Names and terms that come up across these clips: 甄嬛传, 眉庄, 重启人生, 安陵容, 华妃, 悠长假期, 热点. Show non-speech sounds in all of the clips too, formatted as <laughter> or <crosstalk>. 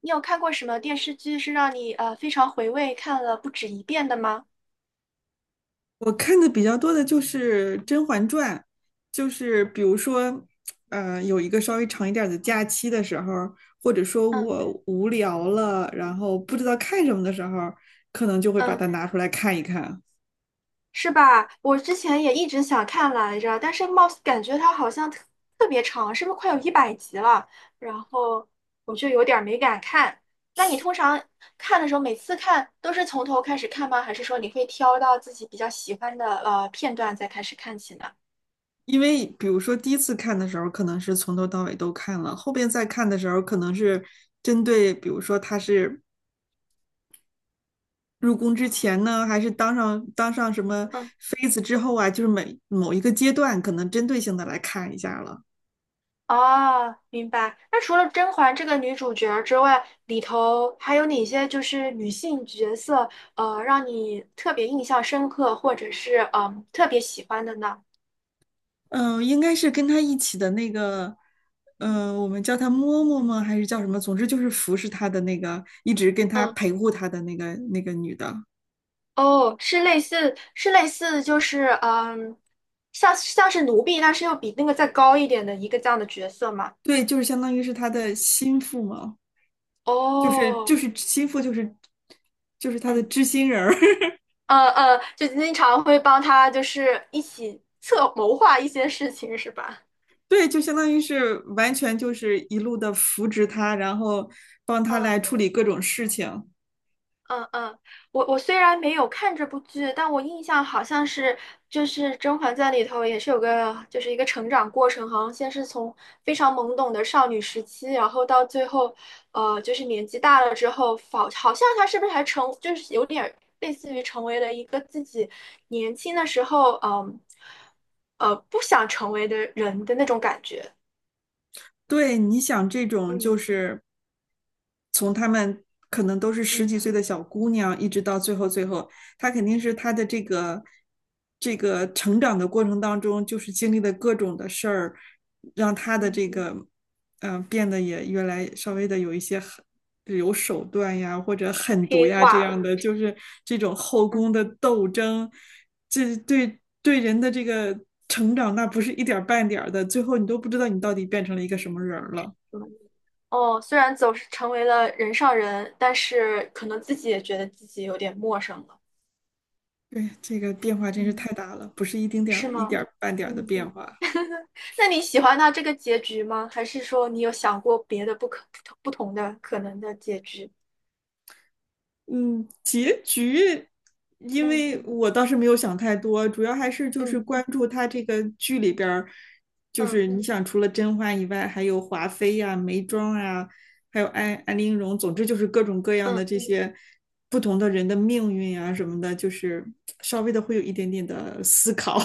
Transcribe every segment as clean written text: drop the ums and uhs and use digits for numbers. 你有看过什么电视剧是让你非常回味，看了不止一遍的吗？我看的比较多的就是《甄嬛传》，就是比如说，有一个稍微长一点儿的假期的时候，或者说嗯我无聊了，然后不知道看什么的时候，可能就会把嗯，它拿出来看一看。是吧？我之前也一直想看来着，但是貌似感觉它好像特别长，是不是快有100集了？然后我就有点儿没敢看。那你通常看的时候，每次看都是从头开始看吗？还是说你会挑到自己比较喜欢的片段再开始看起呢？因为比如说第一次看的时候，可能是从头到尾都看了，后边再看的时候，可能是针对，比如说他是入宫之前呢，还是当上什么嗯。妃子之后啊，就是每某一个阶段，可能针对性的来看一下了。哦，明白。那除了甄嬛这个女主角儿之外，里头还有哪些就是女性角色，让你特别印象深刻，或者是特别喜欢的呢？应该是跟他一起的那个，我们叫他嬷嬷吗？还是叫什么？总之就是服侍他的那个，一直跟他嗯，陪护他的那个女的。哦，是类似就是嗯，像是奴婢，但是又比那个再高一点的一个这样的角色嘛。对，就是相当于是他的嗯，心腹嘛，就是就哦，是心腹，就是他的嗯，知心人儿。<laughs> 就经常会帮他就是一起策谋划一些事情，是吧？对，就相当于是完全就是一路的扶植他，然后帮他嗯。来处理各种事情。嗯嗯，我虽然没有看这部剧，但我印象好像是就是《甄嬛传》里头也是有个就是一个成长过程，好像先是从非常懵懂的少女时期，然后到最后，就是年纪大了之后，好像她是不是还成就是有点儿类似于成为了一个自己年轻的时候，嗯，不想成为的人的那种感觉，对，你想这种就嗯是。从他们可能都是十嗯几岁的小姑娘，一直到最后，她肯定是她的这个成长的过程当中，就是经历的各种的事儿，让她的嗯，这个变得也越来稍微的有一些狠有手段呀，或者狠毒黑呀这化样了，的，就是这种后嗯。宫的斗争，这对人的这个成长，那不是一点半点儿的，最后你都不知道你到底变成了一个什么人了。嗯哦，虽然走是成为了人上人，但是可能自己也觉得自己有点陌生了。对，这个变化真是嗯，太大了，不是一丁点是儿、一点吗？儿半点儿的嗯，变化。那你喜欢他这个结局吗？还是说你有想过别的不同的可能的结局？嗯，结局，因嗯为我倒是没有想太多，主要还是就是嗯关注他这个剧里边儿，就嗯是你想除了甄嬛以外，还有华妃呀、眉庄啊，还有安陵容，总之就是各种各样的嗯，这些不同的人的命运啊什么的，就是稍微的会有一点点的思考。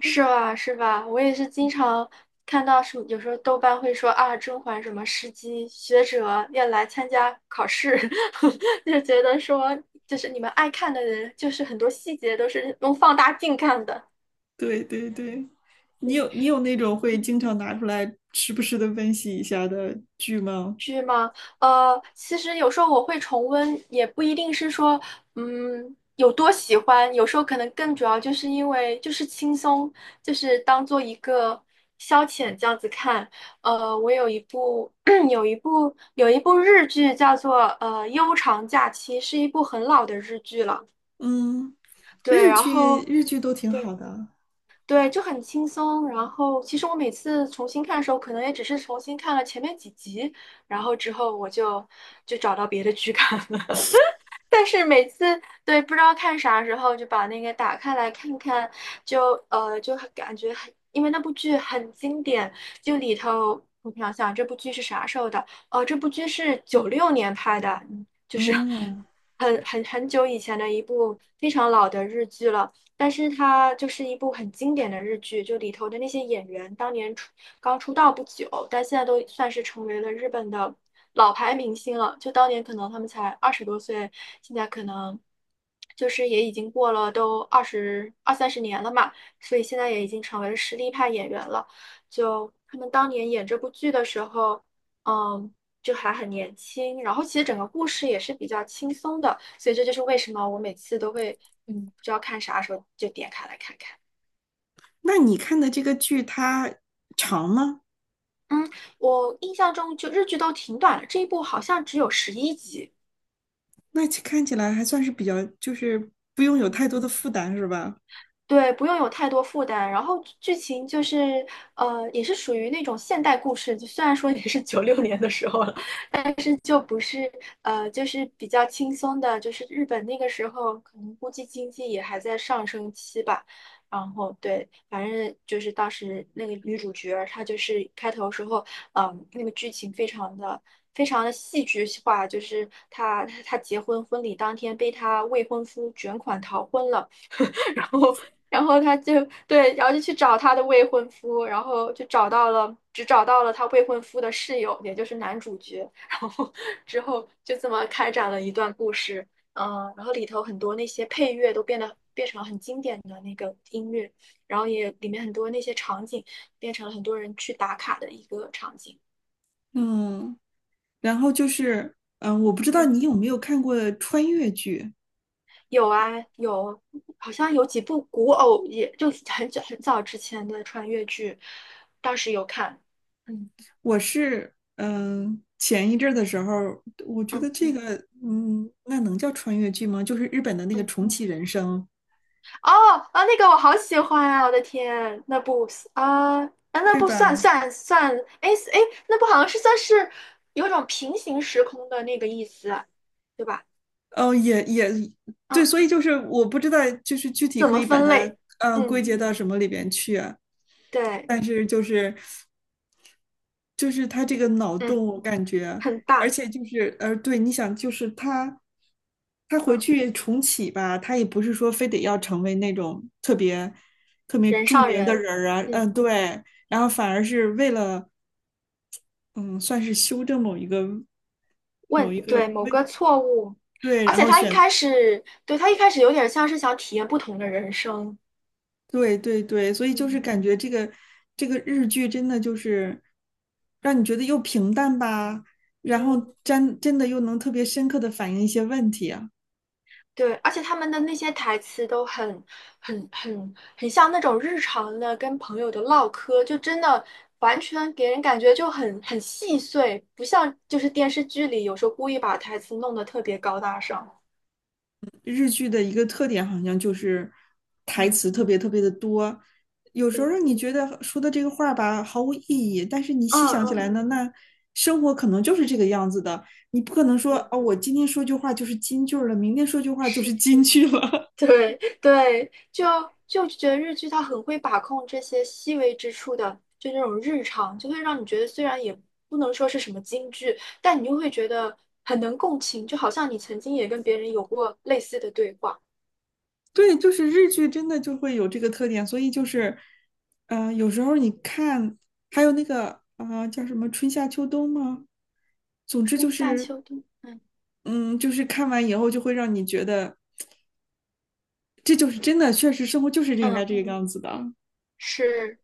是吧是吧？我也是经常看到什么，有时候豆瓣会说啊，甄嬛什么时机学者要来参加考试，<laughs> 就觉得说就是你们爱看的人，就是很多细节都是用放大镜看的。<laughs> 对对对。你对有你有那种会经常拿出来时不时的温习一下的剧吗？剧吗？其实有时候我会重温，也不一定是说，有多喜欢，有时候可能更主要就是因为就是轻松，就是当做一个消遣这样子看。我有一部 <clears throat> 有一部日剧叫做《悠长假期》，是一部很老的日剧了。嗯，对，日然剧后日剧都挺好对。的。对，就很轻松。然后，其实我每次重新看的时候，可能也只是重新看了前面几集，然后之后我就找到别的剧看了。<laughs> 但是每次对不知道看啥时候，就把那个打开来看看，就很感觉很，因为那部剧很经典，就里头我想想这部剧是啥时候的？哦、这部剧是九六年拍的，嗯就是 哦，<laughs> 很久以前的一部非常老的日剧了。但是它就是一部很经典的日剧，就里头的那些演员当年刚出道不久，但现在都算是成为了日本的老牌明星了。就当年可能他们才20多岁，现在可能就是也已经过了都二三十年了嘛，所以现在也已经成为了实力派演员了。就他们当年演这部剧的时候，嗯，就还很年轻，然后其实整个故事也是比较轻松的。所以这就是为什么我每次都会，嗯，不知道看啥时候就点开来看看。那你看的这个剧它长吗？嗯，我印象中就日剧都挺短的，这一部好像只有11集。那其看起来还算是比较，就是不用有嗯，太多的负担，是吧？对，不用有太多负担。然后剧情就是，也是属于那种现代故事，就虽然说也是九六年的时候了，但是就不是，就是比较轻松的，就是日本那个时候可能估计经济也还在上升期吧。然后对，反正就是当时那个女主角儿，她就是开头时候，那个剧情非常的戏剧化，就是她婚礼当天被她未婚夫卷款逃婚了。然后，然后，对，然后就去找他的未婚夫，然后就找到了，只找到了他未婚夫的室友，也就是男主角。<laughs> 然后之后就这么开展了一段故事，嗯，然后里头很多那些配乐都变成了很经典的那个音乐，然后也里面很多那些场景变成了很多人去打卡的一个场景。嗯，然后嗯。就是，我不知道你有没有看过穿越剧。有啊，有，好像有几部古偶，也就很久很早之前的穿越剧，当时有看。嗯我是，前一阵儿的时候，我觉嗯得这个，嗯，那能叫穿越剧吗？就是日本的那个嗯，重启人生。哦啊，那个我好喜欢啊！我的天，那部啊啊，哎那对部算吧？算算，哎哎，那部好像是算是有种平行时空的那个意思，对吧？嗯，也对，嗯，所以就是我不知道，就是具体怎可么以把分它类？归嗯，结到什么里边去啊。对，但是就是就是他这个脑嗯，洞，我感觉，很而大，且就是对，你想，就是他回嗯，去重启吧，他也不是说非得要成为那种特别人著上名的人，人儿啊，嗯。嗯、对，然后反而是为了嗯，算是修正某问，一对，个某问，个错误，对，而然且后他一选开始，对，他一开始有点像是想体验不同的人生，对对对，所以就是嗯，感觉这个日剧真的就是让你觉得又平淡吧，然嗯，后真的又能特别深刻的反映一些问题啊。对，而且他们的那些台词都很、很、很、很像那种日常的跟朋友的唠嗑，就真的完全给人感觉就很细碎，不像就是电视剧里有时候故意把台词弄得特别高大上。日剧的一个特点好像就是台嗯，词特别的多，有时候对，让你觉得说的这个话吧毫无意义，但是你细嗯想起来嗯，呢，那生活可能就是这个样子的，你不可能说对，哦，我今天说句话就是金句儿了，明天说句话就是是。金句了。<laughs> 对对，就觉得日剧它很会把控这些细微之处的，就那种日常，就会让你觉得虽然也不能说是什么京剧，但你又会觉得很能共情，就好像你曾经也跟别人有过类似的对话。对，就是日剧真的就会有这个特点，所以就是，呃，有时候你看，还有那个啊，叫什么春夏秋冬吗？总之春就夏是，秋冬，嗯嗯，就是看完以后就会让你觉得，这就是真的，确实生活就是应该嗯。这个样子的。是，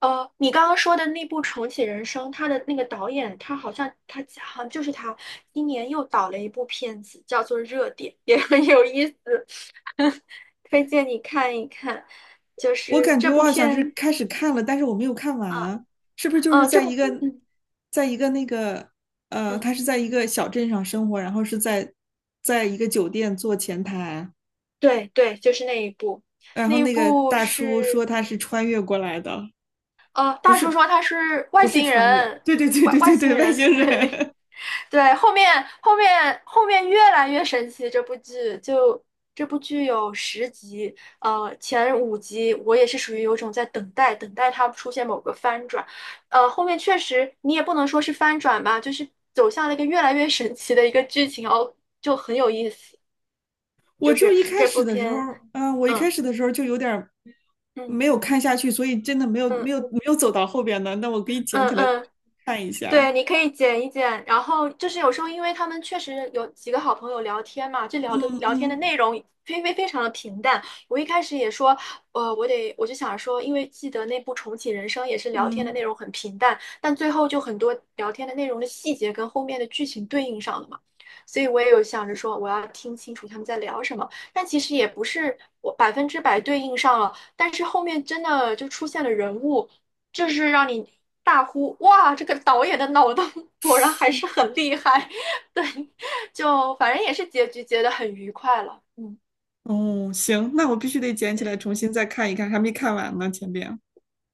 你刚刚说的那部《重启人生》，他的那个导演，他好像就是他，今年又导了一部片子，叫做《热点》，也很有意思，<laughs> 推荐你看一看。就我是感觉这我部好像是片，开始看了，但是我没有看啊，完，是不是就是这在一部，个，嗯在一个那个，呃，嗯，他是在一个小镇上生活，然后是在，在一个酒店做前台。对对，就是那一部，然那后一那个部大叔说是，他是穿越过来的，不大叔是说他是外不是星穿越，人，对对对外对外对星对，外人，星对。人。对，后面越来越神奇，这部剧有10集，前5集我也是属于有种在等待，等待它出现某个翻转，后面确实你也不能说是翻转吧，就是走向了一个越来越神奇的一个剧情哦，就很有意思，<laughs> 我就就是一开这始部的时候，片，我一开嗯始的时候就有点嗯没有看下去，所以真的嗯没有走到后边的。那我可以捡嗯起来再嗯。看一对，下。你可以剪一剪，然后就是有时候，因为他们确实有几个好朋友聊天嘛，这聊的嗯聊天的嗯内容非常的平淡。我一开始也说，我就想说，因为记得那部《重启人生》也是聊天的嗯，内容很平淡，但最后就很多聊天的内容的细节跟后面的剧情对应上了嘛，所以我也有想着说，我要听清楚他们在聊什么。但其实也不是我100%对应上了，但是后面真的就出现了人物。这是让你大呼哇，这个导演的脑洞 <laughs> 果然还是很厉害。<laughs> 对，就反正也是结局结得很愉快了。嗯，哦，行，那我必须得捡起来对。重新再看一看，还没看完呢，前边。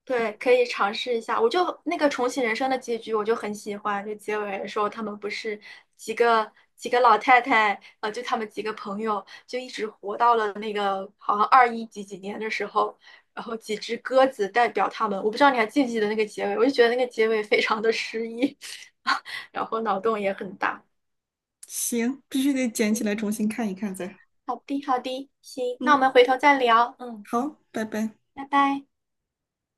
对，可以尝试一下。我就那个重启人生的结局，我就很喜欢。就结尾的时候，他们不是几个几个老太太，就他们几个朋友，就一直活到了那个好像21几几年的时候，然后几只鸽子代表他们。我不知道你还记不记得那个结尾，我就觉得那个结尾非常的诗意，<laughs> 然后脑洞也很大。行，必须得捡起嗯来嗯，重新看一看再。好的好的，行，那我嗯，们回头再聊。嗯，好，拜拜。拜拜。